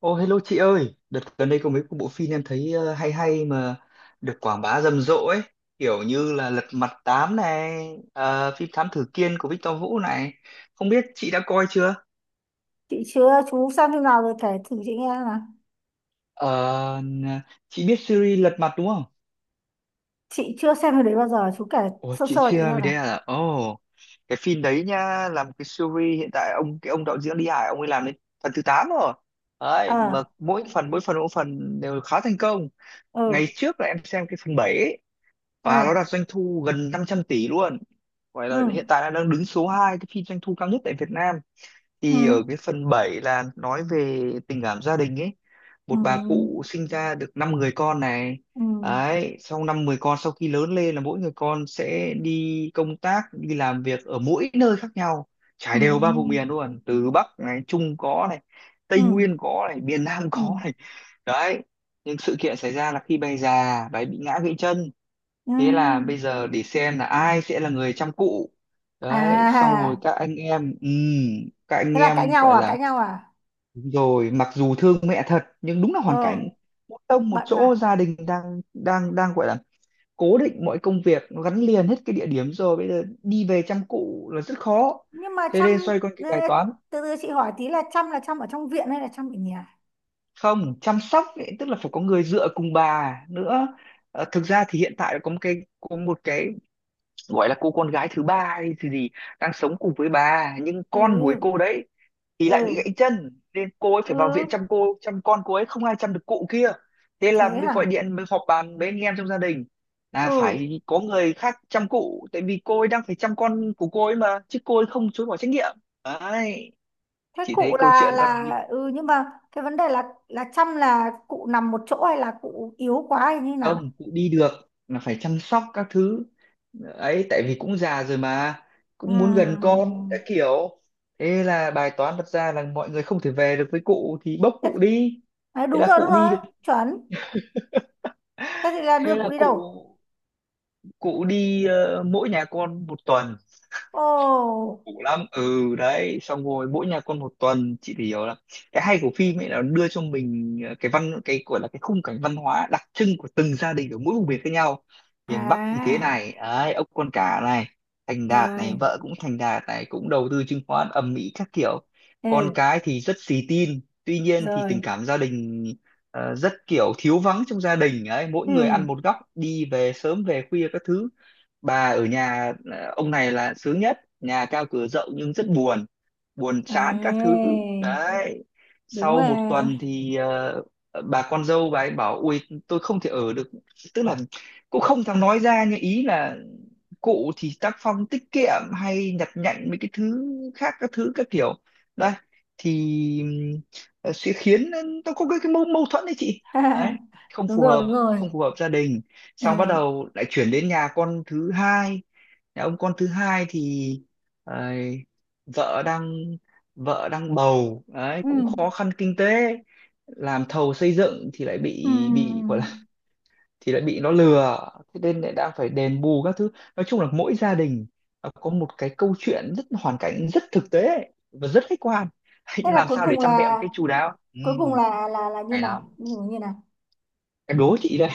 Ô hello chị ơi, đợt gần đây có mấy cái bộ phim em thấy hay hay mà được quảng bá rầm rộ ấy, kiểu như là Lật Mặt Tám này, phim Thám Tử Kiên của Victor Vũ này. Không biết chị đã coi chưa? Chị chưa, chú xem phim nào rồi kể thử chị nghe xem nào. Ờ, n- chị biết series Lật Mặt đúng không? Chị chưa xem phim đấy bao giờ, chú kể Ủa sơ chị sơ chị chưa xem về đấy nào. à? Ồ, cái phim đấy nha, một cái series hiện tại ông ông đạo diễn Lý Hải ông ấy làm đến phần thứ 8 rồi. Đấy, Ờ. mà mỗi phần đều khá thành công. Ngày Ừ. trước là em xem cái phần 7 Ừ. và nó đạt doanh thu gần 500 tỷ luôn, gọi Ừ. là hiện tại là đang đứng số 2 cái phim doanh thu cao nhất tại Việt Nam. Ừ. Thì ở cái phần 7 là nói về tình cảm gia đình ấy, một bà cụ Ừ. sinh ra được 5 người con này, Ừ. đấy sau năm 10 con sau khi lớn lên là mỗi người con sẽ đi công tác đi làm việc ở mỗi nơi khác nhau, trải đều ba vùng Ừ. miền luôn, từ Bắc này, Trung có này, Ừ. Tây Nguyên có này, miền Nam Ừ. có này, đấy. Nhưng sự kiện xảy ra là khi bà già bà ấy bị ngã gãy chân, Ừ. thế là bây giờ để xem là ai sẽ là người chăm cụ. Đấy, xong À, rồi các anh em ừ, các anh thế là cãi em nhau gọi à? là Cãi nhau à? đúng rồi, mặc dù thương mẹ thật nhưng đúng là hoàn Ờ, cảnh, một tông một bận chỗ à? gia đình đang đang đang gọi là cố định mọi công việc, nó gắn liền hết cái địa điểm rồi, bây giờ đi về chăm cụ là rất khó, Nhưng mà thế chăm... nên xoay quanh cái bài Ê, toán, từ từ, chị hỏi tí là chăm ở trong viện hay là chăm ở nhà? không chăm sóc ấy, tức là phải có người dựa cùng bà nữa. Thực ra thì hiện tại có một cái gọi là cô con gái thứ ba hay gì gì đang sống cùng với bà, nhưng Ừ. con của ấy cô đấy thì lại bị gãy Ừ. chân, nên cô ấy Ừ. phải vào viện chăm con cô ấy, không ai chăm được cụ kia. Thế Thế là mới gọi hả? điện mới họp bàn với anh em trong gia đình là Ừ. phải có người khác chăm cụ, tại vì cô ấy đang phải chăm con của cô ấy mà chứ cô ấy không chối bỏ trách nhiệm, đấy. Thế Chỉ thấy cụ câu là chuyện là ừ, nhưng mà cái vấn đề là chăm là cụ nằm một chỗ hay là cụ yếu quá hay như nào? không, cũng đi được là phải chăm sóc các thứ ấy, tại vì cũng già rồi mà, cũng muốn gần con các Ừm. kiểu. Thế là bài toán đặt ra là mọi người không thể về được với cụ thì bốc Thế, cụ đi, đấy, thế đúng là rồi, đúng cụ đi rồi, được. chuẩn. Thế thì là đưa Thế là cụ đi cụ đâu? cụ đi mỗi nhà con một tuần, Ồ. cũ lắm đấy. Xong rồi mỗi nhà con một tuần, chị thì hiểu là cái hay của phim ấy là nó đưa cho mình cái gọi là cái khung cảnh văn hóa đặc trưng của từng gia đình ở mỗi vùng miền khác nhau. Miền Bắc thì thế À. này đấy, ốc con cả này, thành đạt này, Rồi. vợ cũng thành đạt này, cũng đầu tư chứng khoán ầm ĩ các kiểu, con Ừ. cái thì rất xì tin, tuy nhiên thì tình Rồi. cảm gia đình rất kiểu thiếu vắng trong gia đình đấy, mỗi Ừ. người ăn một góc đi về sớm về khuya các thứ, bà ở nhà. Ờ, ông này là sướng nhất nhà cao cửa rộng nhưng rất buồn, buồn chán các thứ, Ấy, đấy. đúng Sau một rồi. tuần thì bà con dâu bà ấy bảo ui tôi không thể ở được, tức là cũng không thèm nói ra nhưng ý là cụ thì tác phong tiết kiệm hay nhặt nhạnh mấy cái thứ khác các thứ các kiểu, đây thì sẽ khiến nó có cái mâu thuẫn đấy chị, đấy, không Đúng phù rồi, hợp, đúng rồi. không phù hợp gia đình. Xong bắt Ừ. đầu lại chuyển đến nhà con thứ hai, nhà ông con thứ hai thì ờ, vợ đang vợ đang bầu đấy, Ừ. cũng khó khăn kinh tế, làm thầu xây dựng thì lại bị Ừ. bị gọi là, thì lại bị nó lừa, thế nên lại đang phải đền bù các thứ. Nói chung là mỗi gia đình nó có một cái câu chuyện rất hoàn cảnh, rất thực tế và rất khách quan Thế nhưng là làm cuối sao để cùng chăm mẹ một là cách chu đáo như hay lắm. nào? Như như nào? Em đố chị đây,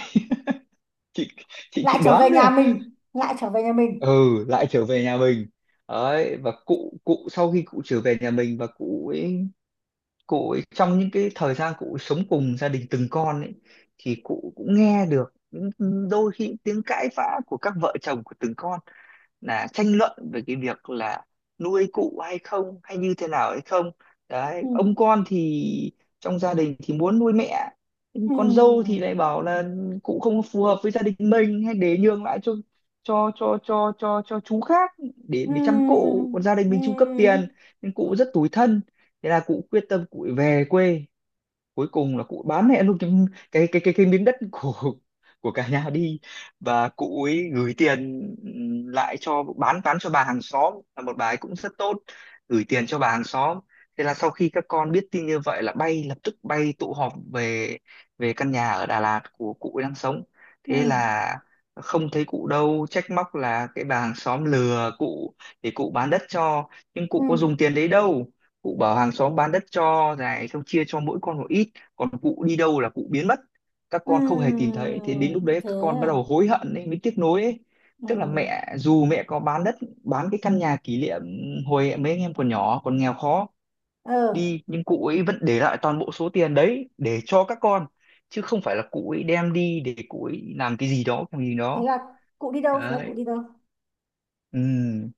chị chị Lại chị trở đoán về chứ. nhà mình, lại trở về nhà mình. Ừ, lại trở về nhà mình, đấy. Và cụ cụ sau khi cụ trở về nhà mình và cụ ấy trong những cái thời gian cụ sống cùng gia đình từng con ấy, thì cụ cũng nghe được những đôi khi tiếng cãi vã của các vợ chồng của từng con, là tranh luận về cái việc là nuôi cụ hay không hay như thế nào hay không, đấy. Ừ. Ông con thì trong gia đình thì muốn nuôi mẹ, nhưng con dâu thì Ừ. lại bảo là cụ không phù hợp với gia đình mình, hay để nhường lại cho chú khác để Ừ. Chăm cụ, còn gia đình mình chu cấp Ừ. tiền, nên cụ rất tủi thân. Thế là cụ quyết tâm cụ về quê, cuối cùng là cụ bán mẹ luôn cái miếng đất của cả nhà đi, và cụ ấy gửi tiền lại cho, bán cho bà hàng xóm là một bà ấy cũng rất tốt, gửi tiền cho bà hàng xóm. Thế là sau khi các con biết tin như vậy là bay lập tức bay tụ họp về về căn nhà ở Đà Lạt của cụ ấy đang sống. Ừ. Thế là không thấy cụ đâu, trách móc là cái bà hàng xóm lừa cụ để cụ bán đất cho, nhưng Ừ. cụ có dùng tiền đấy đâu, cụ bảo hàng xóm bán đất cho này, xong chia cho mỗi con một ít, còn cụ đi đâu là cụ biến mất, các con không hề tìm Ừ. thấy. Thế đến lúc đấy Thế các con bắt đầu à? hối hận ấy, mới tiếc nuối ấy, tức là Ừ. mẹ dù mẹ có bán đất bán cái căn nhà kỷ niệm hồi mấy anh em còn nhỏ còn nghèo khó Ờ, đi, nhưng cụ ấy vẫn để lại toàn bộ số tiền đấy để cho các con, chứ không phải là cụ ấy đem đi để cụ ấy làm cái gì đó cái gì thế đó, là cụ đi đâu? Thế là cụ đấy. đi đâu? Ừ,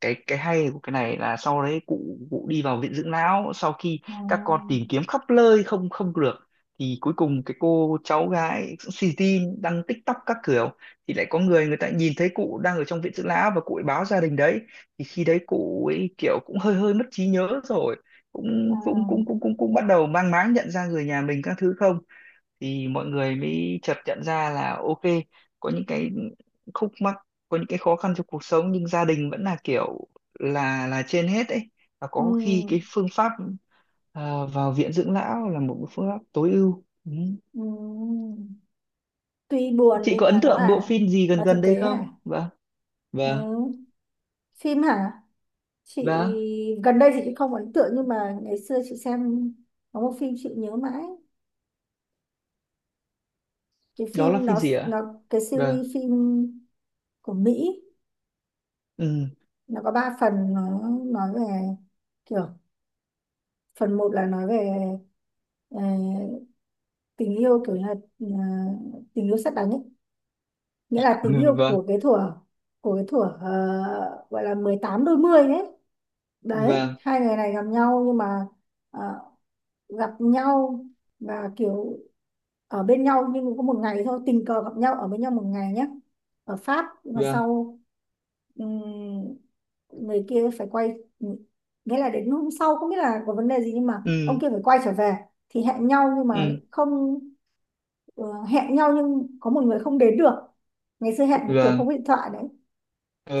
cái hay của cái này là sau đấy cụ cụ đi vào viện dưỡng lão. Sau khi các con À. tìm kiếm khắp nơi không không được, thì cuối cùng cái cô cháu gái xì tin đăng TikTok các kiểu, thì lại có người người ta nhìn thấy cụ đang ở trong viện dưỡng lão và cụ ấy báo gia đình đấy, thì khi đấy cụ ấy kiểu cũng hơi hơi mất trí nhớ rồi, À. cũng cũng cũng cũng cũng cũng bắt đầu mang máng nhận ra người nhà mình các thứ không. Thì mọi người mới chợt nhận ra là ok, có những cái khúc mắc, có những cái khó khăn trong cuộc sống nhưng gia đình vẫn là kiểu là trên hết ấy, và có khi cái Ừ. phương pháp vào viện dưỡng lão là một cái phương pháp tối ưu Ừ. Tuy buồn Chị nhưng có mà ấn nó tượng bộ là phim gì gần là thực gần đây tế không, hả. vâng Ừ. vâng Phim hả? Chị... vâng? Gần đây thì chị không ấn tượng nhưng mà ngày xưa chị xem có một phim chị nhớ mãi. Cái Đó là phim phim nó gì ạ, nó cái vâng? series phim của Mỹ, Ừ. nó có ba phần. Nó nói về kiểu phần một là nói về ờ, tình yêu, kiểu như là ờ, tình yêu sét đánh ấy. Nghĩa là tình yêu Vâng của cái thuở gọi là 18 đôi mươi ấy. Đấy, vâng hai người này gặp nhau nhưng mà ờ, gặp nhau và kiểu ở bên nhau. Nhưng có một ngày thôi, tình cờ gặp nhau ở bên nhau một ngày nhé, ở Pháp. Nhưng mà vâng. sau người kia phải quay... Nghĩa là đến hôm sau không biết là có vấn đề gì nhưng mà ông Ừ. kia phải quay trở về. Thì hẹn nhau nhưng mà Ừ. không, hẹn nhau nhưng có một người không đến được. Ngày xưa hẹn cái kiểu Vâng. không có điện thoại đấy.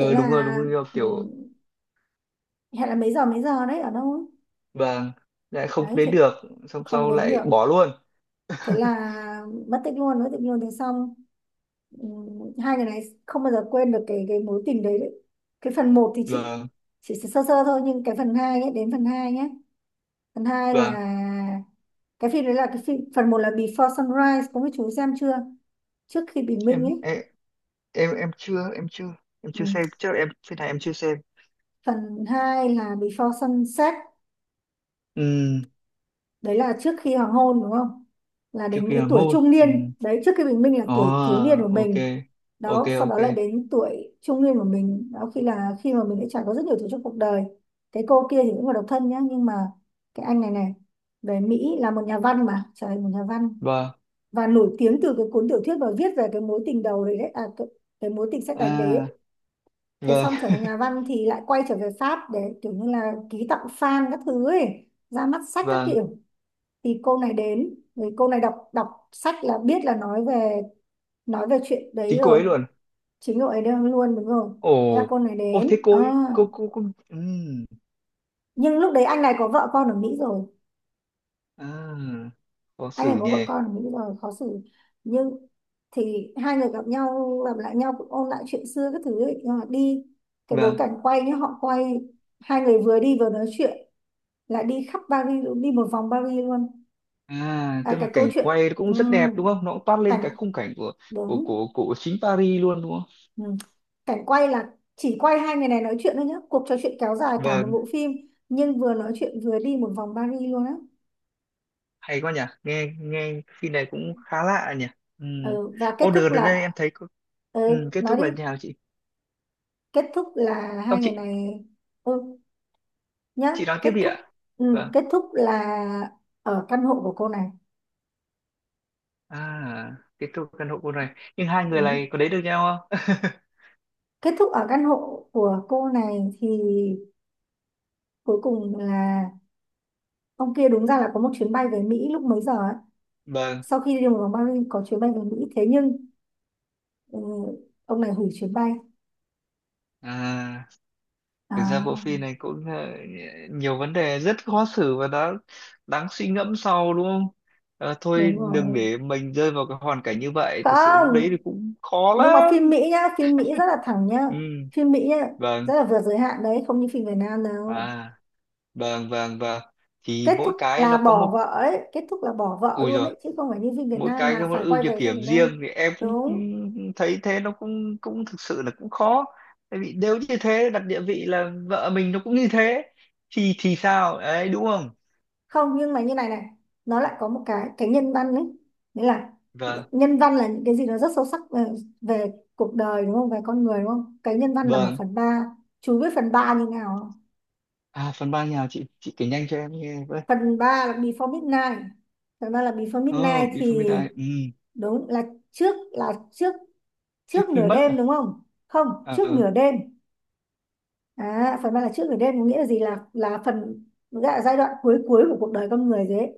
Thế là đúng rồi kiểu, ừm, hẹn là mấy giờ đấy, ở đâu ấy. vâng, lại không Đấy thì đến được, xong không sau đến lại được, bỏ luôn, thế là mất tích luôn, mất tích luôn. Thế xong hai người này không bao giờ quên được cái mối tình đấy, đấy. Cái phần một thì chị vâng chỉ sơ sơ thôi, nhưng cái phần 2 ấy, đến phần 2 nhé. Phần hai vâng. là Cái phim đấy là cái phim phần một là Before Sunrise, có mấy chú xem chưa? Trước khi bình minh em ấy. em em em chưa em chưa Ừ. xem, chắc là em phiên này em chưa xem. Phần 2 là Before Sunset, Ừ, đấy là trước khi hoàng hôn, đúng không? Là trước đến khi cái hoàng tuổi hôn, trung ừ. niên đấy. Trước khi bình minh là Ồ, tuổi thiếu niên của ok mình. ok Đó, sau ok, đó lại đến tuổi trung niên của mình, đó khi là khi mà mình đã trải qua rất nhiều thứ trong cuộc đời. Cái cô kia thì cũng là độc thân nhá, nhưng mà cái anh này này về Mỹ là một nhà văn, mà trời ơi, một nhà văn. vâng, Và nổi tiếng từ cái cuốn tiểu thuyết mà viết về cái mối tình đầu đấy, đấy à, cái mối tình sét đánh à, đấy. Thế vâng xong trở thành nhà văn thì lại quay trở về Pháp để kiểu như là ký tặng fan các thứ ấy, ra mắt sách các vâng kiểu. Thì cô này đến, thì cô này đọc đọc sách là biết là nói về chuyện đấy chính cô rồi. ấy luôn, Chính cậu ấy đang luôn, đúng rồi. ồ, Thế là cô này ô thế đến, cô à. ấy, cô ừ. Nhưng lúc đấy anh này có vợ con ở Mỹ rồi. À, khó Anh này xử có vợ nhỉ, con ở Mỹ rồi, khó xử. Nhưng thì hai người gặp lại nhau cũng ôn lại chuyện xưa các thứ ấy. Nhưng mà đi... Cái bối vâng. cảnh quay nhá, họ quay hai người vừa đi vừa nói chuyện, lại đi khắp Paris luôn, đi một vòng Paris luôn. À tức À, là cái câu cảnh chuyện, quay nó cũng rất đẹp đúng ừm, không, nó cũng toát lên cảnh, cái khung cảnh của của đúng. của của chính Paris luôn đúng không, ừm, Cảnh quay là chỉ quay hai người này nói chuyện thôi nhá, cuộc trò chuyện kéo dài cả một vâng. bộ phim. Nhưng vừa nói chuyện vừa đi một vòng Paris luôn á. Hay quá nhỉ, nghe nghe phim này cũng khá lạ nhỉ. Ừ. Ừ, và kết thúc Order đến đây em là... thấy có. Ừ, Ừ, kết nói thúc đi. là như nào chị? Kết thúc là hai Không người chị, này... Ừ, nhá, chị nói tiếp kết đi thúc... ạ. Ừ, Vâng. kết thúc là ở căn hộ của cô này. À kết thúc căn hộ cô này nhưng hai người Đúng. này có đến được nhau không? Kết thúc ở căn hộ của cô này thì cuối cùng là... Ông kia đúng ra là có một chuyến bay về Mỹ lúc mấy giờ ấy. Vâng. Sau khi đi một vòng Paris có chuyến bay về Mỹ, thế nhưng ừ, ông này hủy chuyến bay. À thực ra bộ À, phim này cũng nhiều vấn đề rất khó xử và đã đáng suy ngẫm sau đúng không? Thôi đúng đừng rồi. để mình rơi vào cái hoàn cảnh như vậy, thực sự lúc đấy thì Không, cũng khó nhưng mà phim lắm. Mỹ nhá, phim Mỹ rất là thẳng nhá. Ừ, Phim Mỹ nhá, vâng, rất là vượt giới hạn đấy, không như phim Việt Nam đâu. à vâng vâng vâng, thì Kết mỗi thúc cái nó là có bỏ một vợ ấy, kết thúc là bỏ vợ ui luôn rồi, đấy, chứ không phải như phim Việt mỗi Nam cái là có một phải ưu quay nhược về gia điểm đình đâu. riêng, thì em cũng Đúng. thấy thế, nó cũng cũng thực sự là cũng khó, tại vì nếu như thế đặt địa vị là vợ mình nó cũng như thế thì sao đấy đúng không, Không, nhưng mà như này này, nó lại có một cái nhân văn đấy, nghĩa là... vâng Nhân văn là những cái gì nó rất sâu sắc về cuộc đời, đúng không, về con người, đúng không. Cái nhân văn là một vâng. phần ba. Chú biết phần ba như nào không? À phần 3 nhà chị kể nhanh cho em nghe với. phần ba là before midnight Phần ba là Before Ờ Midnight thì... bifamida, ừ, Đúng, là trước, là trước trước trước khi nửa mất à? đêm, đúng không? Không, trước Ờ, nửa đêm. À, phần ba là trước nửa đêm có nghĩa là gì, là phần, gọi là giai đoạn cuối cuối của cuộc đời con người thế.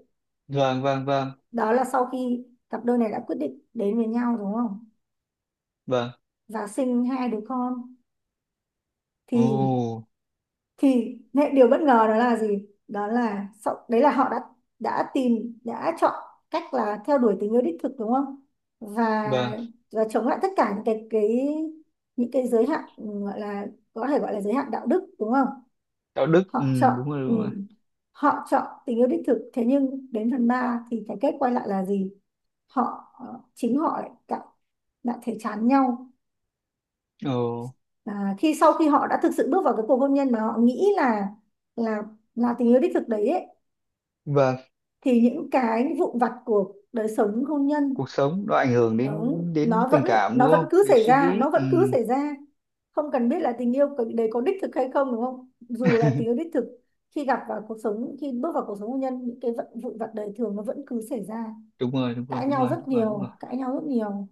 vâng vâng vâng Đó là sau khi cặp đôi này đã quyết định đến với nhau, đúng không, vâng. và sinh hai đứa con, Ồ, thì thì điều bất ngờ đó là gì, đó là sau, đấy là họ đã tìm, đã chọn cách là theo đuổi tình yêu đích thực, đúng không. và vâng. và chống lại tất cả những cái giới hạn, gọi là, có thể gọi là giới hạn đạo đức, đúng không. Đạo đức, ừ. Họ chọn, Đúng rồi ừ, đúng rồi. họ chọn tình yêu đích thực. Thế nhưng đến phần 3 thì cái kết quay lại là gì, họ, chính họ lại đã thấy chán nhau. Ồ, À, khi sau khi họ đã thực sự bước vào cái cuộc hôn nhân mà họ nghĩ là là tình yêu đích thực đấy ấy, vâng. thì những cái vụn vặt của đời sống hôn nhân, Cuộc sống nó ảnh hưởng đúng, đến đến tình cảm nó đúng vẫn không, cứ đến xảy suy ra, nghĩ, nó ừ. vẫn cứ xảy ra. Không cần biết là tình yêu đấy có đích thực hay không, đúng không, dù là tình yêu đích thực. Khi gặp vào cuộc sống, khi bước vào cuộc sống hôn nhân, những cái vận vụn vặt đời thường nó vẫn cứ xảy ra. Đúng rồi đúng rồi Cãi đúng nhau rồi rất đúng rồi đúng rồi nhiều, cãi nhau rất nhiều.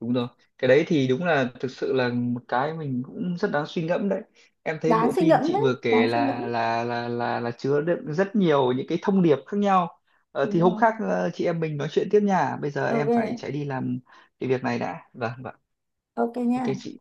đúng rồi. Cái đấy thì đúng là thực sự là một cái mình cũng rất đáng suy ngẫm đấy, em thấy bộ Đáng suy phim ngẫm chị đấy. vừa Đáng kể suy là ngẫm. là chứa đựng rất nhiều những cái thông điệp khác nhau. Đúng Thì hôm khác không? Chị em mình nói chuyện tiếp nha, bây giờ OK. em phải chạy đi làm cái việc này đã, vâng vâng, OK ok nha. chị.